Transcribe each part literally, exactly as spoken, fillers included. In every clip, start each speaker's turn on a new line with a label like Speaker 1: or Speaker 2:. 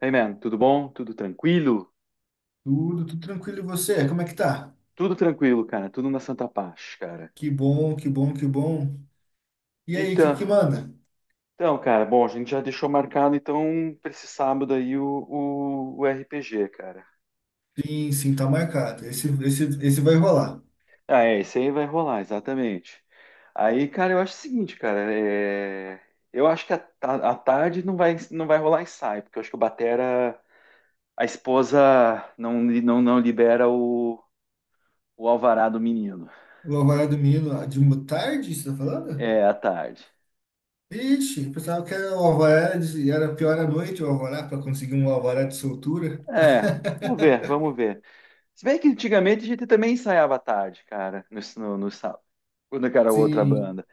Speaker 1: Hey man, tudo bom? Tudo tranquilo?
Speaker 2: Tudo, tudo tranquilo. E você? Como é que tá?
Speaker 1: Tudo tranquilo, cara. Tudo na Santa Paz, cara.
Speaker 2: Que bom, que bom, que bom. E aí, que
Speaker 1: Então,
Speaker 2: que manda?
Speaker 1: então, cara, bom, a gente já deixou marcado então para esse sábado aí o, o, o R P G, cara.
Speaker 2: Sim, sim, tá marcado. Esse, esse, esse vai rolar.
Speaker 1: Ah, é, esse aí vai rolar, exatamente. Aí, cara, eu acho o seguinte, cara, é. Eu acho que a, a, a tarde não vai, não vai rolar ensaio, porque eu acho que o Batera, a esposa não, li- não, não libera o, o alvará do menino.
Speaker 2: O Alvará do Menino de uma tarde, você tá falando?
Speaker 1: É, à tarde.
Speaker 2: Ixi, eu pensava que era o Alvará de, era pior à noite o Alvará para conseguir um Alvará de soltura.
Speaker 1: É, vamos ver, vamos ver. Se bem que antigamente a gente também ensaiava à tarde, cara, no, no, no sábado, quando era outra
Speaker 2: Sim,
Speaker 1: banda.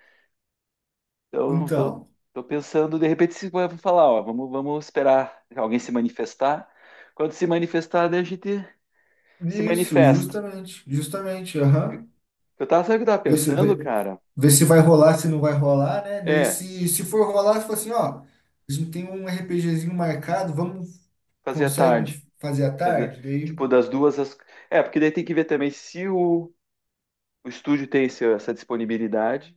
Speaker 1: Então, tô,
Speaker 2: então.
Speaker 1: tô pensando, de repente, se vai falar, ó, vamos, vamos esperar alguém se manifestar. Quando se manifestar, daí a gente se
Speaker 2: Isso,
Speaker 1: manifesta.
Speaker 2: justamente, justamente, aham.
Speaker 1: Eu tava, sabe o que eu tava
Speaker 2: Ver se,
Speaker 1: pensando,
Speaker 2: ver,
Speaker 1: cara?
Speaker 2: ver se vai rolar, se não vai rolar, né? Daí
Speaker 1: É,
Speaker 2: se, se for rolar, você fala assim, ó. A gente tem um RPGzinho marcado, vamos
Speaker 1: fazer à
Speaker 2: conseguem
Speaker 1: tarde.
Speaker 2: fazer à
Speaker 1: Fazer,
Speaker 2: tarde? Daí
Speaker 1: tipo, das duas às. É, porque daí tem que ver também se o, o estúdio tem esse- essa disponibilidade,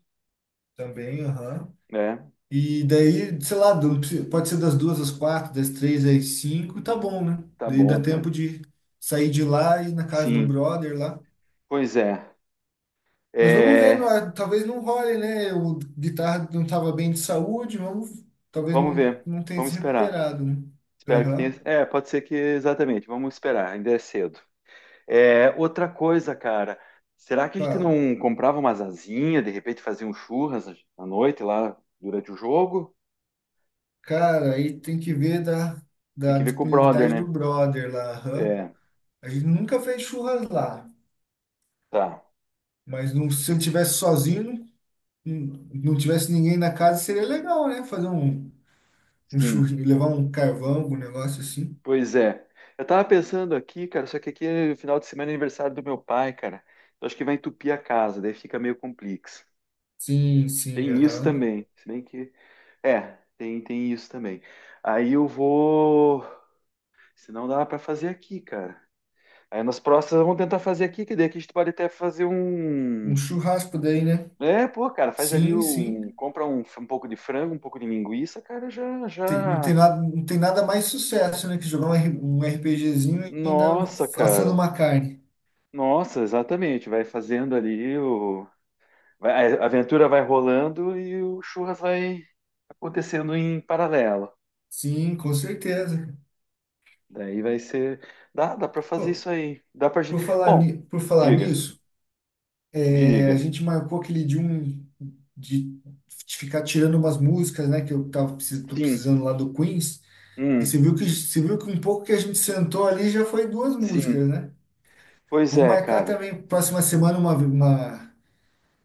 Speaker 2: também, aham.
Speaker 1: né?
Speaker 2: E daí, sei lá, do- pode ser das duas às quatro, das três às cinco, tá bom, né?
Speaker 1: Tá
Speaker 2: Daí dá
Speaker 1: bom,
Speaker 2: tempo
Speaker 1: cara.
Speaker 2: de sair de lá e ir na casa do
Speaker 1: Sim,
Speaker 2: brother lá.
Speaker 1: pois é.
Speaker 2: Mas vamos ver, não
Speaker 1: É,
Speaker 2: é- talvez não role, né? O guitarra não estava bem de saúde, vamos, talvez
Speaker 1: vamos
Speaker 2: não,
Speaker 1: ver,
Speaker 2: não tenha
Speaker 1: vamos
Speaker 2: se
Speaker 1: esperar.
Speaker 2: recuperado, né?
Speaker 1: Espero que tenha.
Speaker 2: Aham,
Speaker 1: É, pode ser que exatamente. Vamos esperar, ainda é cedo. É, outra coisa, cara. Será que a gente
Speaker 2: fala.
Speaker 1: não comprava umas asinhas, de repente fazia um churras à noite lá durante o jogo?
Speaker 2: Cara, aí tem que ver da,
Speaker 1: Tem
Speaker 2: da
Speaker 1: que ver com o brother,
Speaker 2: disponibilidade do
Speaker 1: né?
Speaker 2: brother lá, aham.
Speaker 1: É,
Speaker 2: A gente nunca fez churras lá,
Speaker 1: tá.
Speaker 2: mas não, se ele tivesse sozinho, hum não tivesse ninguém na casa, seria legal, né? Fazer um, um,
Speaker 1: Sim.
Speaker 2: churri, levar um carvão, um negócio assim.
Speaker 1: Pois é. Eu tava pensando aqui, cara, só que aqui é final de semana é aniversário do meu pai, cara. Eu acho que vai entupir a casa, daí fica meio complexo.
Speaker 2: Sim, sim,
Speaker 1: Tem isso
Speaker 2: aham.
Speaker 1: também. Se bem que. É, tem, tem isso também. Aí eu vou. Senão dá para fazer aqui, cara. Aí nas próximas vamos tentar fazer aqui, que daí aqui a gente pode até fazer
Speaker 2: Um
Speaker 1: um.
Speaker 2: churrasco daí, né?
Speaker 1: É, pô, cara, faz ali
Speaker 2: Sim, sim.
Speaker 1: um. Compra um, um pouco de frango, um pouco de linguiça, cara, já,
Speaker 2: Tem- não
Speaker 1: já.
Speaker 2: tem nada, não tem nada mais sucesso, né? Que jogar um, R- um RPGzinho e ainda um-
Speaker 1: Nossa,
Speaker 2: assando
Speaker 1: cara.
Speaker 2: uma carne.
Speaker 1: Nossa, exatamente. Vai fazendo ali o. vai- a aventura vai rolando e o churras vai acontecendo em paralelo.
Speaker 2: Sim, com certeza.
Speaker 1: Daí vai ser. Dá, dá pra fazer
Speaker 2: Pô,
Speaker 1: isso aí. Dá pra.
Speaker 2: por
Speaker 1: gente-
Speaker 2: falar,
Speaker 1: Bom,
Speaker 2: ni- por falar
Speaker 1: diga,
Speaker 2: nisso, é, a
Speaker 1: diga.
Speaker 2: gente marcou aquele de um de ficar tirando umas músicas, né? Que eu tava, precis- tô
Speaker 1: Sim,
Speaker 2: precisando lá do Queens. E você
Speaker 1: hum,
Speaker 2: viu que, você viu que um pouco que a gente sentou ali já foi duas músicas,
Speaker 1: sim.
Speaker 2: né?
Speaker 1: Pois
Speaker 2: Vou
Speaker 1: é,
Speaker 2: marcar
Speaker 1: cara.
Speaker 2: também próxima semana uma, uma,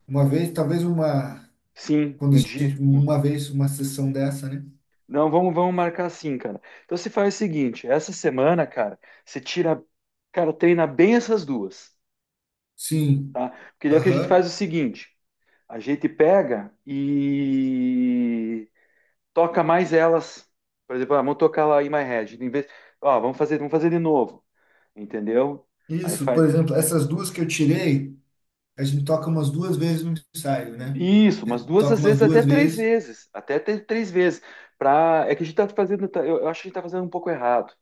Speaker 2: uma vez, talvez uma,
Speaker 1: Sim,
Speaker 2: quando a
Speaker 1: um
Speaker 2: gente,
Speaker 1: dia.
Speaker 2: uma vez uma sessão dessa, né?
Speaker 1: Não, vamos, vamos marcar assim cara. Então você faz o seguinte, essa semana, cara, você tira, cara, treina bem essas duas,
Speaker 2: Sim,
Speaker 1: tá? Porque daí o que a gente faz
Speaker 2: aham.
Speaker 1: é o seguinte, a gente pega e toca mais elas. Por exemplo, ah, vamos tocar lá In My Head, em vez, ó, vamos fazer, vamos fazer de novo, entendeu? Aí
Speaker 2: Isso,
Speaker 1: faz
Speaker 2: por exemplo, essas duas que eu tirei, a gente toca umas duas vezes no ensaio, né?
Speaker 1: isso,
Speaker 2: É,
Speaker 1: umas duas
Speaker 2: toca
Speaker 1: às
Speaker 2: umas
Speaker 1: vezes até
Speaker 2: duas
Speaker 1: três
Speaker 2: vezes.
Speaker 1: vezes, até ter três vezes, pra. É que a gente tá fazendo, tá- eu eu acho que a gente tá fazendo um pouco errado.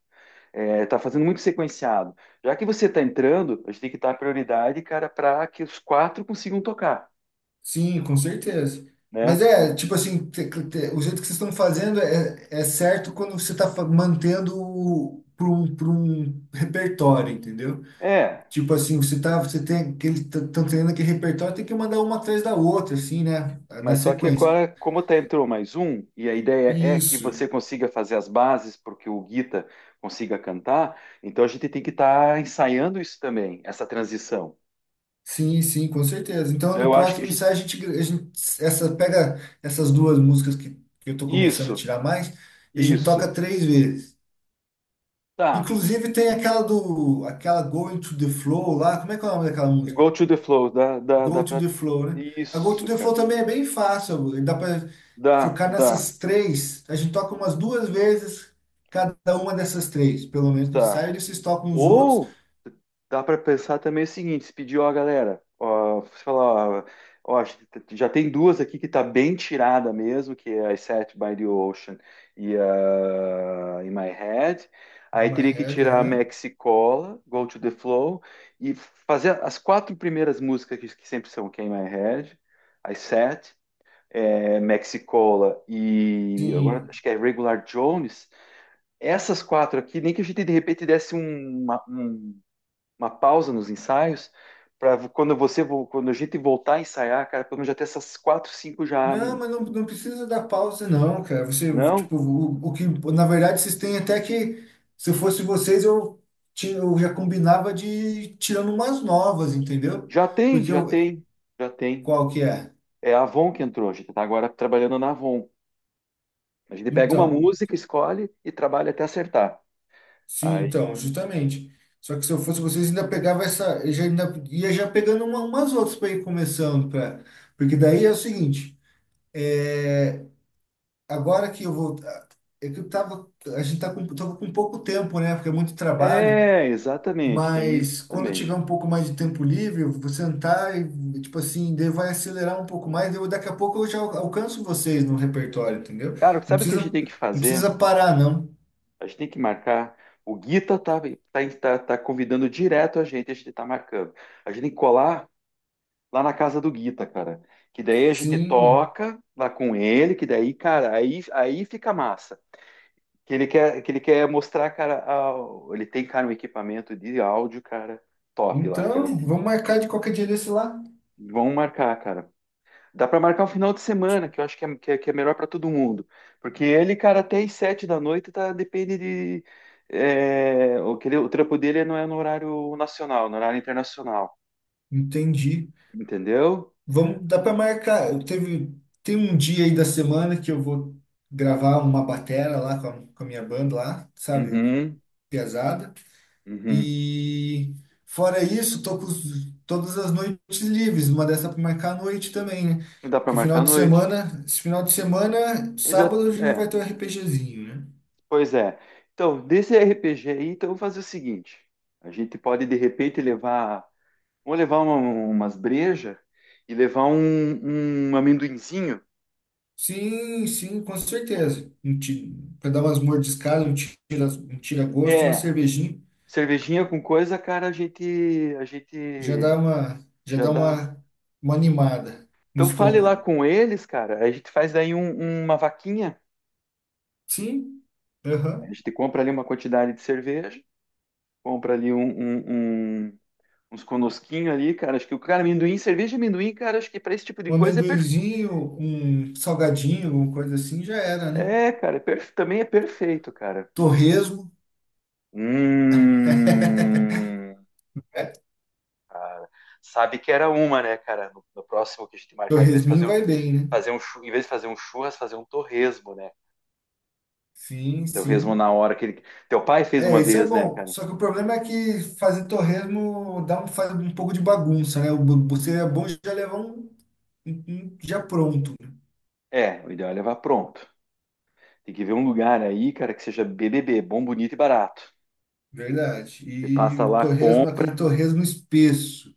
Speaker 1: É, tá fazendo muito sequenciado. Já que você tá entrando, a gente tem que dar prioridade, cara, para que os quatro consigam tocar,
Speaker 2: Sim, com certeza.
Speaker 1: né?
Speaker 2: Mas é, tipo assim, te- te- o jeito que vocês estão fazendo é, é, certo quando você está mantendo para um, pra um repertório, entendeu?
Speaker 1: É,
Speaker 2: Tipo assim, você tá, você tem aquele, estão treinando aquele repertório, tem que mandar uma atrás da outra, assim, né? Na
Speaker 1: mas só que
Speaker 2: sequência.
Speaker 1: agora, como tá entrou mais um, e a ideia é que
Speaker 2: Isso.
Speaker 1: você consiga fazer as bases porque o Guita consiga cantar, então a gente tem que estar ensaiando isso também, essa transição.
Speaker 2: Sim, sim, com certeza. Então,
Speaker 1: Então,
Speaker 2: no
Speaker 1: eu acho que a
Speaker 2: próximo
Speaker 1: gente.
Speaker 2: ensaio, a gente, a gente essa, pega essas duas músicas que, que eu tô começando a
Speaker 1: Isso,
Speaker 2: tirar mais, e a gente toca
Speaker 1: isso.
Speaker 2: três vezes.
Speaker 1: Tá.
Speaker 2: Inclusive tem aquela do, aquela Going to the Flow lá, como é que é o nome daquela música?
Speaker 1: Go to the flow. Dá, dá, dá
Speaker 2: Go to
Speaker 1: pra.
Speaker 2: the Flow, né? A Go to
Speaker 1: Isso,
Speaker 2: the Flow
Speaker 1: cara.
Speaker 2: também é bem fácil, dá para
Speaker 1: Dá,
Speaker 2: focar
Speaker 1: dá,
Speaker 2: nessas três. A gente toca umas duas vezes cada uma dessas três, pelo menos no
Speaker 1: tá.
Speaker 2: ensaio, eles tocam os outros.
Speaker 1: Ou dá para pensar também o seguinte, se pedir, ó, galera, ó, você falar, ó, ó, acho que já tem duas aqui que tá bem tirada mesmo, que é I Sat by the Ocean e a In My Head. Aí
Speaker 2: In my
Speaker 1: teria que
Speaker 2: head,
Speaker 1: tirar a
Speaker 2: aham.
Speaker 1: Mexicola, Go to the Flow, e fazer as quatro primeiras músicas que, que sempre são, que é In My Head, I Sat, é, Mexicola e agora
Speaker 2: Sim.
Speaker 1: acho que é Regular Jones. Essas quatro aqui, nem que a gente de repente desse um, uma- um- uma pausa nos ensaios, para quando você quando a gente voltar a ensaiar, cara, pelo menos já ter essas quatro, cinco já.
Speaker 2: Não, mas não, não precisa dar pausa, não, cara. Você,
Speaker 1: Não,
Speaker 2: tipo, o, o que, na verdade, vocês têm até que, se eu fosse vocês, eu, tinha, eu já combinava de ir tirando umas novas, entendeu?
Speaker 1: já tem,
Speaker 2: Porque
Speaker 1: já
Speaker 2: eu,
Speaker 1: tem, já tem.
Speaker 2: qual que é?
Speaker 1: É a Avon que entrou, a gente está agora trabalhando na Avon. A gente pega uma
Speaker 2: Então,
Speaker 1: música, escolhe e trabalha até acertar.
Speaker 2: sim,
Speaker 1: Aí,
Speaker 2: então, justamente. Só que se eu fosse vocês, ainda pegava essa, eu já ainda ia já pegando uma- umas outras para ir começando, pra, porque daí é o seguinte, é, agora que eu vou, é que eu tava, a gente tá com, tava com pouco tempo, né? Porque é muito trabalho.
Speaker 1: é, exatamente, tem
Speaker 2: Mas
Speaker 1: isso
Speaker 2: quando tiver
Speaker 1: também.
Speaker 2: um pouco mais de tempo livre, eu vou sentar e, tipo assim, daí vai acelerar um pouco mais. Eu, daqui a pouco eu já al- alcanço vocês no repertório, entendeu?
Speaker 1: Cara,
Speaker 2: Não
Speaker 1: sabe o que a
Speaker 2: precisa,
Speaker 1: gente tem que
Speaker 2: não
Speaker 1: fazer?
Speaker 2: precisa parar, não.
Speaker 1: A gente tem que marcar. O Guita tá, tá, tá, tá convidando direto a gente, a gente tá marcando. A gente tem que colar lá na casa do Guita, cara. Que daí a gente
Speaker 2: Sim.
Speaker 1: toca lá com ele, que daí, cara, aí, aí fica massa. Que ele quer, que ele quer mostrar, cara, a- ele tem, cara, um equipamento de áudio, cara, top lá,
Speaker 2: Então,
Speaker 1: cara.
Speaker 2: vamos marcar de qualquer dia desse lá.
Speaker 1: Vão marcar, cara. Dá pra marcar um final de semana, que eu acho que é, que é, que é melhor pra todo mundo. Porque ele, cara, até às sete da noite, tá, depende de. É, o, que ele- o trampo dele não é no horário nacional, no horário internacional.
Speaker 2: Entendi.
Speaker 1: Entendeu?
Speaker 2: Vamos, dá para marcar. Eu teve, tem um dia aí da semana que eu vou gravar uma batera lá com a, com a minha banda lá, sabe?
Speaker 1: Uhum,
Speaker 2: Pesada.
Speaker 1: uhum.
Speaker 2: E fora isso, tô com os- todas as noites livres, uma dessa para marcar a noite também, né?
Speaker 1: Dá pra
Speaker 2: Que
Speaker 1: marcar
Speaker 2: final
Speaker 1: à
Speaker 2: de
Speaker 1: noite.
Speaker 2: semana, Esse final de semana,
Speaker 1: Eu já,
Speaker 2: sábado a gente vai
Speaker 1: é,
Speaker 2: ter um RPGzinho, né?
Speaker 1: pois é. Então, desse R P G aí, então vamos fazer o seguinte: a gente pode de repente levar, vamos levar uma- umas brejas e levar um, um amendoinzinho.
Speaker 2: Sim, sim, com certeza. Um ti- Pra dar umas mordiscadas, um tira, um tira-gosto, uma
Speaker 1: É,
Speaker 2: cervejinha,
Speaker 1: cervejinha com coisa, cara, a gente, a
Speaker 2: já
Speaker 1: gente
Speaker 2: dá uma, já
Speaker 1: já
Speaker 2: dá
Speaker 1: dá.
Speaker 2: uma, uma animada no
Speaker 1: Então fale lá
Speaker 2: estômago.
Speaker 1: com eles, cara. A gente faz daí um- uma vaquinha.
Speaker 2: Sim,
Speaker 1: A
Speaker 2: aham.
Speaker 1: gente compra ali uma quantidade de cerveja, compra ali um, um- um- uns conosquinhos ali, cara. Acho que o cara amendoim, cerveja e amendoim, cara, acho que para esse tipo de
Speaker 2: Um
Speaker 1: coisa é perfeito.
Speaker 2: amendoinzinho, um salgadinho, alguma coisa assim, já era, né?
Speaker 1: É, cara, é perfe- também é perfeito, cara.
Speaker 2: Torresmo.
Speaker 1: Hum. Cara, sabe que era uma, né, cara? No, no próximo que a gente marcar, em vez de
Speaker 2: Torresminho
Speaker 1: fazer, um-
Speaker 2: vai bem, né?
Speaker 1: fazer um, chu- em vez de fazer um churras, fazer um torresmo, né?
Speaker 2: Sim,
Speaker 1: Torresmo
Speaker 2: sim.
Speaker 1: na hora que ele. Teu pai fez
Speaker 2: É,
Speaker 1: uma
Speaker 2: esse é
Speaker 1: vez, né,
Speaker 2: bom.
Speaker 1: cara?
Speaker 2: Só que o problema é que fazer torresmo dá um, faz um pouco de bagunça, né? O bu- bu- Seria bom já levar um, um- um já pronto, né?
Speaker 1: É, o ideal é levar pronto. Tem que ver um lugar aí, cara, que seja B B B, bom, bonito e barato.
Speaker 2: Verdade.
Speaker 1: Você passa
Speaker 2: E
Speaker 1: lá,
Speaker 2: torresmo, aquele
Speaker 1: compra.
Speaker 2: torresmo espesso,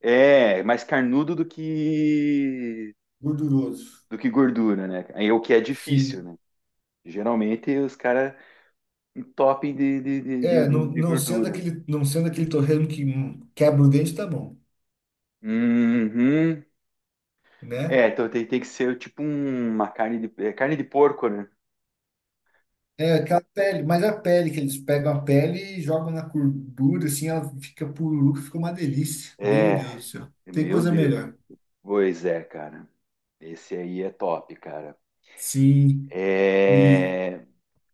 Speaker 1: É, mais carnudo do que
Speaker 2: gorduroso.
Speaker 1: do que gordura, né? Aí é o que é difícil,
Speaker 2: Sim.
Speaker 1: né? Geralmente os caras um topping de, de, de, de,
Speaker 2: É, não,
Speaker 1: de- de
Speaker 2: não sendo
Speaker 1: gordura.
Speaker 2: aquele, não sendo aquele torresmo que hum, quebra o dente, tá bom,
Speaker 1: Uhum. É,
Speaker 2: né?
Speaker 1: então tem, tem que ser tipo um- uma carne de, é, carne de porco, né?
Speaker 2: É aquela pele, mas a pele que eles pegam a pele e jogam na gordura, assim, ela fica pururuca, fica uma delícia. Meu Deus
Speaker 1: É,
Speaker 2: do céu. Tem
Speaker 1: meu
Speaker 2: coisa
Speaker 1: Deus.
Speaker 2: melhor.
Speaker 1: Pois é, cara. Esse aí é top, cara.
Speaker 2: Sim, e
Speaker 1: É,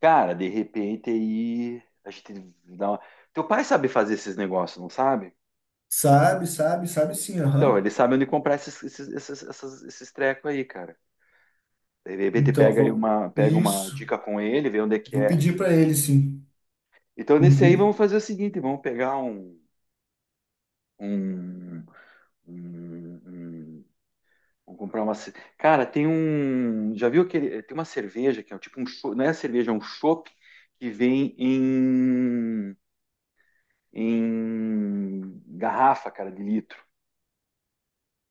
Speaker 1: cara, de repente aí a gente dá uma. Teu pai sabe fazer esses negócios, não sabe?
Speaker 2: sabe, sabe, sabe sim,
Speaker 1: Então,
Speaker 2: aham.
Speaker 1: ele sabe onde comprar esses, esses, esses, essas- esses trecos aí, cara. De repente
Speaker 2: Então,
Speaker 1: pega aí
Speaker 2: vou.
Speaker 1: uma, pega uma
Speaker 2: Isso.
Speaker 1: dica com ele, vê onde é que
Speaker 2: Vou
Speaker 1: é.
Speaker 2: pedir para ele, sim.
Speaker 1: Então, nesse aí,
Speaker 2: Uhum.
Speaker 1: vamos fazer o seguinte: vamos pegar um. um, um- um- Vamos comprar uma. ce- Cara, tem um. Já viu aquele. eh, Tem uma cerveja que é tipo um. cho- Não é cerveja, é um chopp que vem em. em. Garrafa, cara, de litro.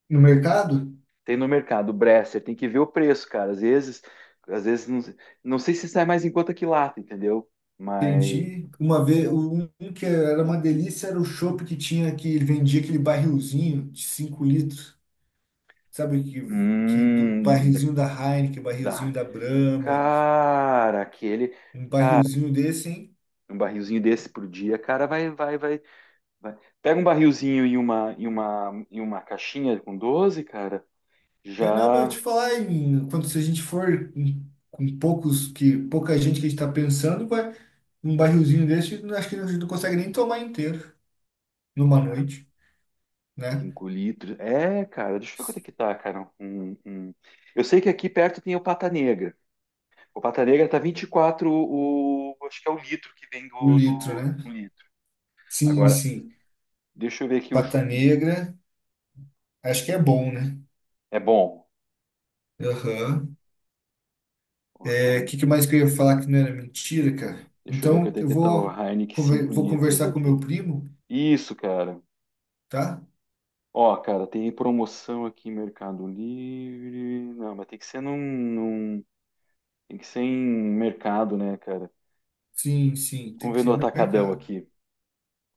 Speaker 2: No mercado?
Speaker 1: Tem no mercado, Bresser. Tem que ver o preço, cara. Às vezes. Às vezes não, não sei se sai mais em conta que lata, entendeu? Mas.
Speaker 2: Entendi. Uma vez, um um que era uma delícia era o chopp que tinha que ele vendia aquele barrilzinho de cinco litros. Sabe que, que do
Speaker 1: Hum,
Speaker 2: barrilzinho da Heineken, barrilzinho
Speaker 1: da,
Speaker 2: da Brahma.
Speaker 1: Cara, aquele
Speaker 2: Um barrilzinho desse, hein?
Speaker 1: um barrilzinho desse por dia, cara, vai, vai, vai, vai. Pega um barrilzinho e uma, e uma, e uma caixinha com doze, cara,
Speaker 2: Caramba, eu te
Speaker 1: já
Speaker 2: falar, em- quando se a gente for em- com poucos que pouca gente que a gente tá pensando, vai um barrilzinho desse, eu acho que a gente não consegue nem tomar inteiro numa noite, né?
Speaker 1: cinco litros. É, cara, deixa eu ver quanto é que tá, cara. Um, um- Eu sei que aqui perto tem o Pata Negra. O Pata Negra tá vinte e quatro, o. Acho que é o litro que vem
Speaker 2: O
Speaker 1: do,
Speaker 2: litro,
Speaker 1: do um
Speaker 2: né?
Speaker 1: litro.
Speaker 2: Sim,
Speaker 1: Agora,
Speaker 2: sim.
Speaker 1: deixa eu ver aqui o
Speaker 2: Pata
Speaker 1: Chopin.
Speaker 2: negra, acho que é bom, né?
Speaker 1: É bom.
Speaker 2: Aham.
Speaker 1: O
Speaker 2: É, o
Speaker 1: Heine-
Speaker 2: que que mais que eu ia falar que não era mentira, cara?
Speaker 1: Deixa eu ver
Speaker 2: Então,
Speaker 1: quanto é
Speaker 2: eu
Speaker 1: que tá o
Speaker 2: vou
Speaker 1: Heineken
Speaker 2: conver-
Speaker 1: cinco
Speaker 2: vou
Speaker 1: litros
Speaker 2: conversar com meu
Speaker 1: aqui.
Speaker 2: primo,
Speaker 1: Isso, cara.
Speaker 2: tá?
Speaker 1: Ó, cara, tem promoção aqui em Mercado Livre. Não, mas tem que ser num, num-. Tem que ser em mercado, né, cara?
Speaker 2: Sim, sim, tem
Speaker 1: Vamos
Speaker 2: que
Speaker 1: ver no
Speaker 2: ser no
Speaker 1: atacadão
Speaker 2: mercado.
Speaker 1: aqui.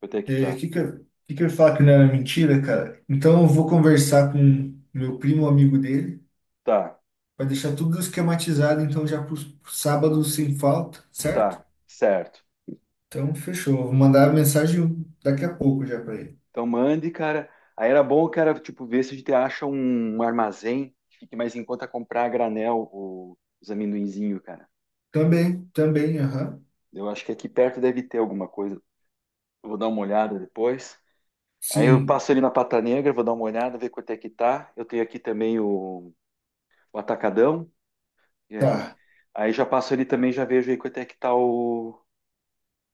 Speaker 1: Quanto é que
Speaker 2: É,
Speaker 1: tá?
Speaker 2: que que eu, que que eu ia falar que não era mentira, cara? Então eu vou conversar com meu primo, amigo dele,
Speaker 1: Tá,
Speaker 2: para deixar tudo esquematizado, então já pro pro sábado sem falta, certo?
Speaker 1: tá, certo.
Speaker 2: Então fechou. Vou mandar a mensagem daqui a pouco já para ele.
Speaker 1: Então mande, cara. Aí era bom, cara, tipo, ver se a gente acha um, um armazém que fique mais em conta comprar a granel o- os amendoinzinhos, cara.
Speaker 2: Também, também, aham.
Speaker 1: Eu acho que aqui perto deve ter alguma coisa. Eu vou dar uma olhada depois. Aí eu
Speaker 2: Sim,
Speaker 1: passo ali na Pata Negra, vou dar uma olhada, ver quanto é que tá. Eu tenho aqui também o o Atacadão. Jack.
Speaker 2: tá.
Speaker 1: Aí já passo ali também, já vejo aí quanto é que tá o,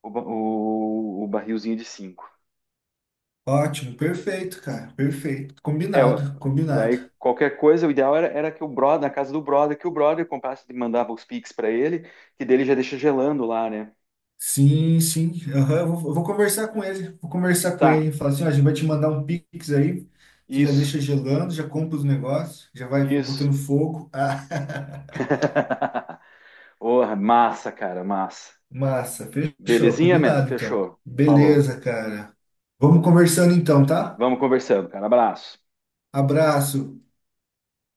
Speaker 1: o, ba- o- o barrilzinho de cinco.
Speaker 2: Ótimo, perfeito, cara, perfeito.
Speaker 1: É, eu-
Speaker 2: Combinado, combinado.
Speaker 1: daí qualquer coisa, o ideal era, era que o brother, na casa do brother, que o brother comprasse e mandava os Pix pra ele, que dele já deixa gelando lá, né?
Speaker 2: Sim, sim. Aham, eu vou, eu vou conversar com ele. Vou conversar com
Speaker 1: Tá,
Speaker 2: ele. Falar assim, ó, a gente vai te mandar um Pix aí. Você já
Speaker 1: isso,
Speaker 2: deixa gelando, já compra os negócios, já vai
Speaker 1: isso.
Speaker 2: botando fogo. Ah,
Speaker 1: Porra, massa, cara, massa.
Speaker 2: massa, fechou.
Speaker 1: Belezinha, mano?
Speaker 2: Combinado, então.
Speaker 1: Fechou. Falou.
Speaker 2: Beleza, cara. Vamos conversando então, tá?
Speaker 1: Vamos conversando, cara. Abraço.
Speaker 2: Abraço.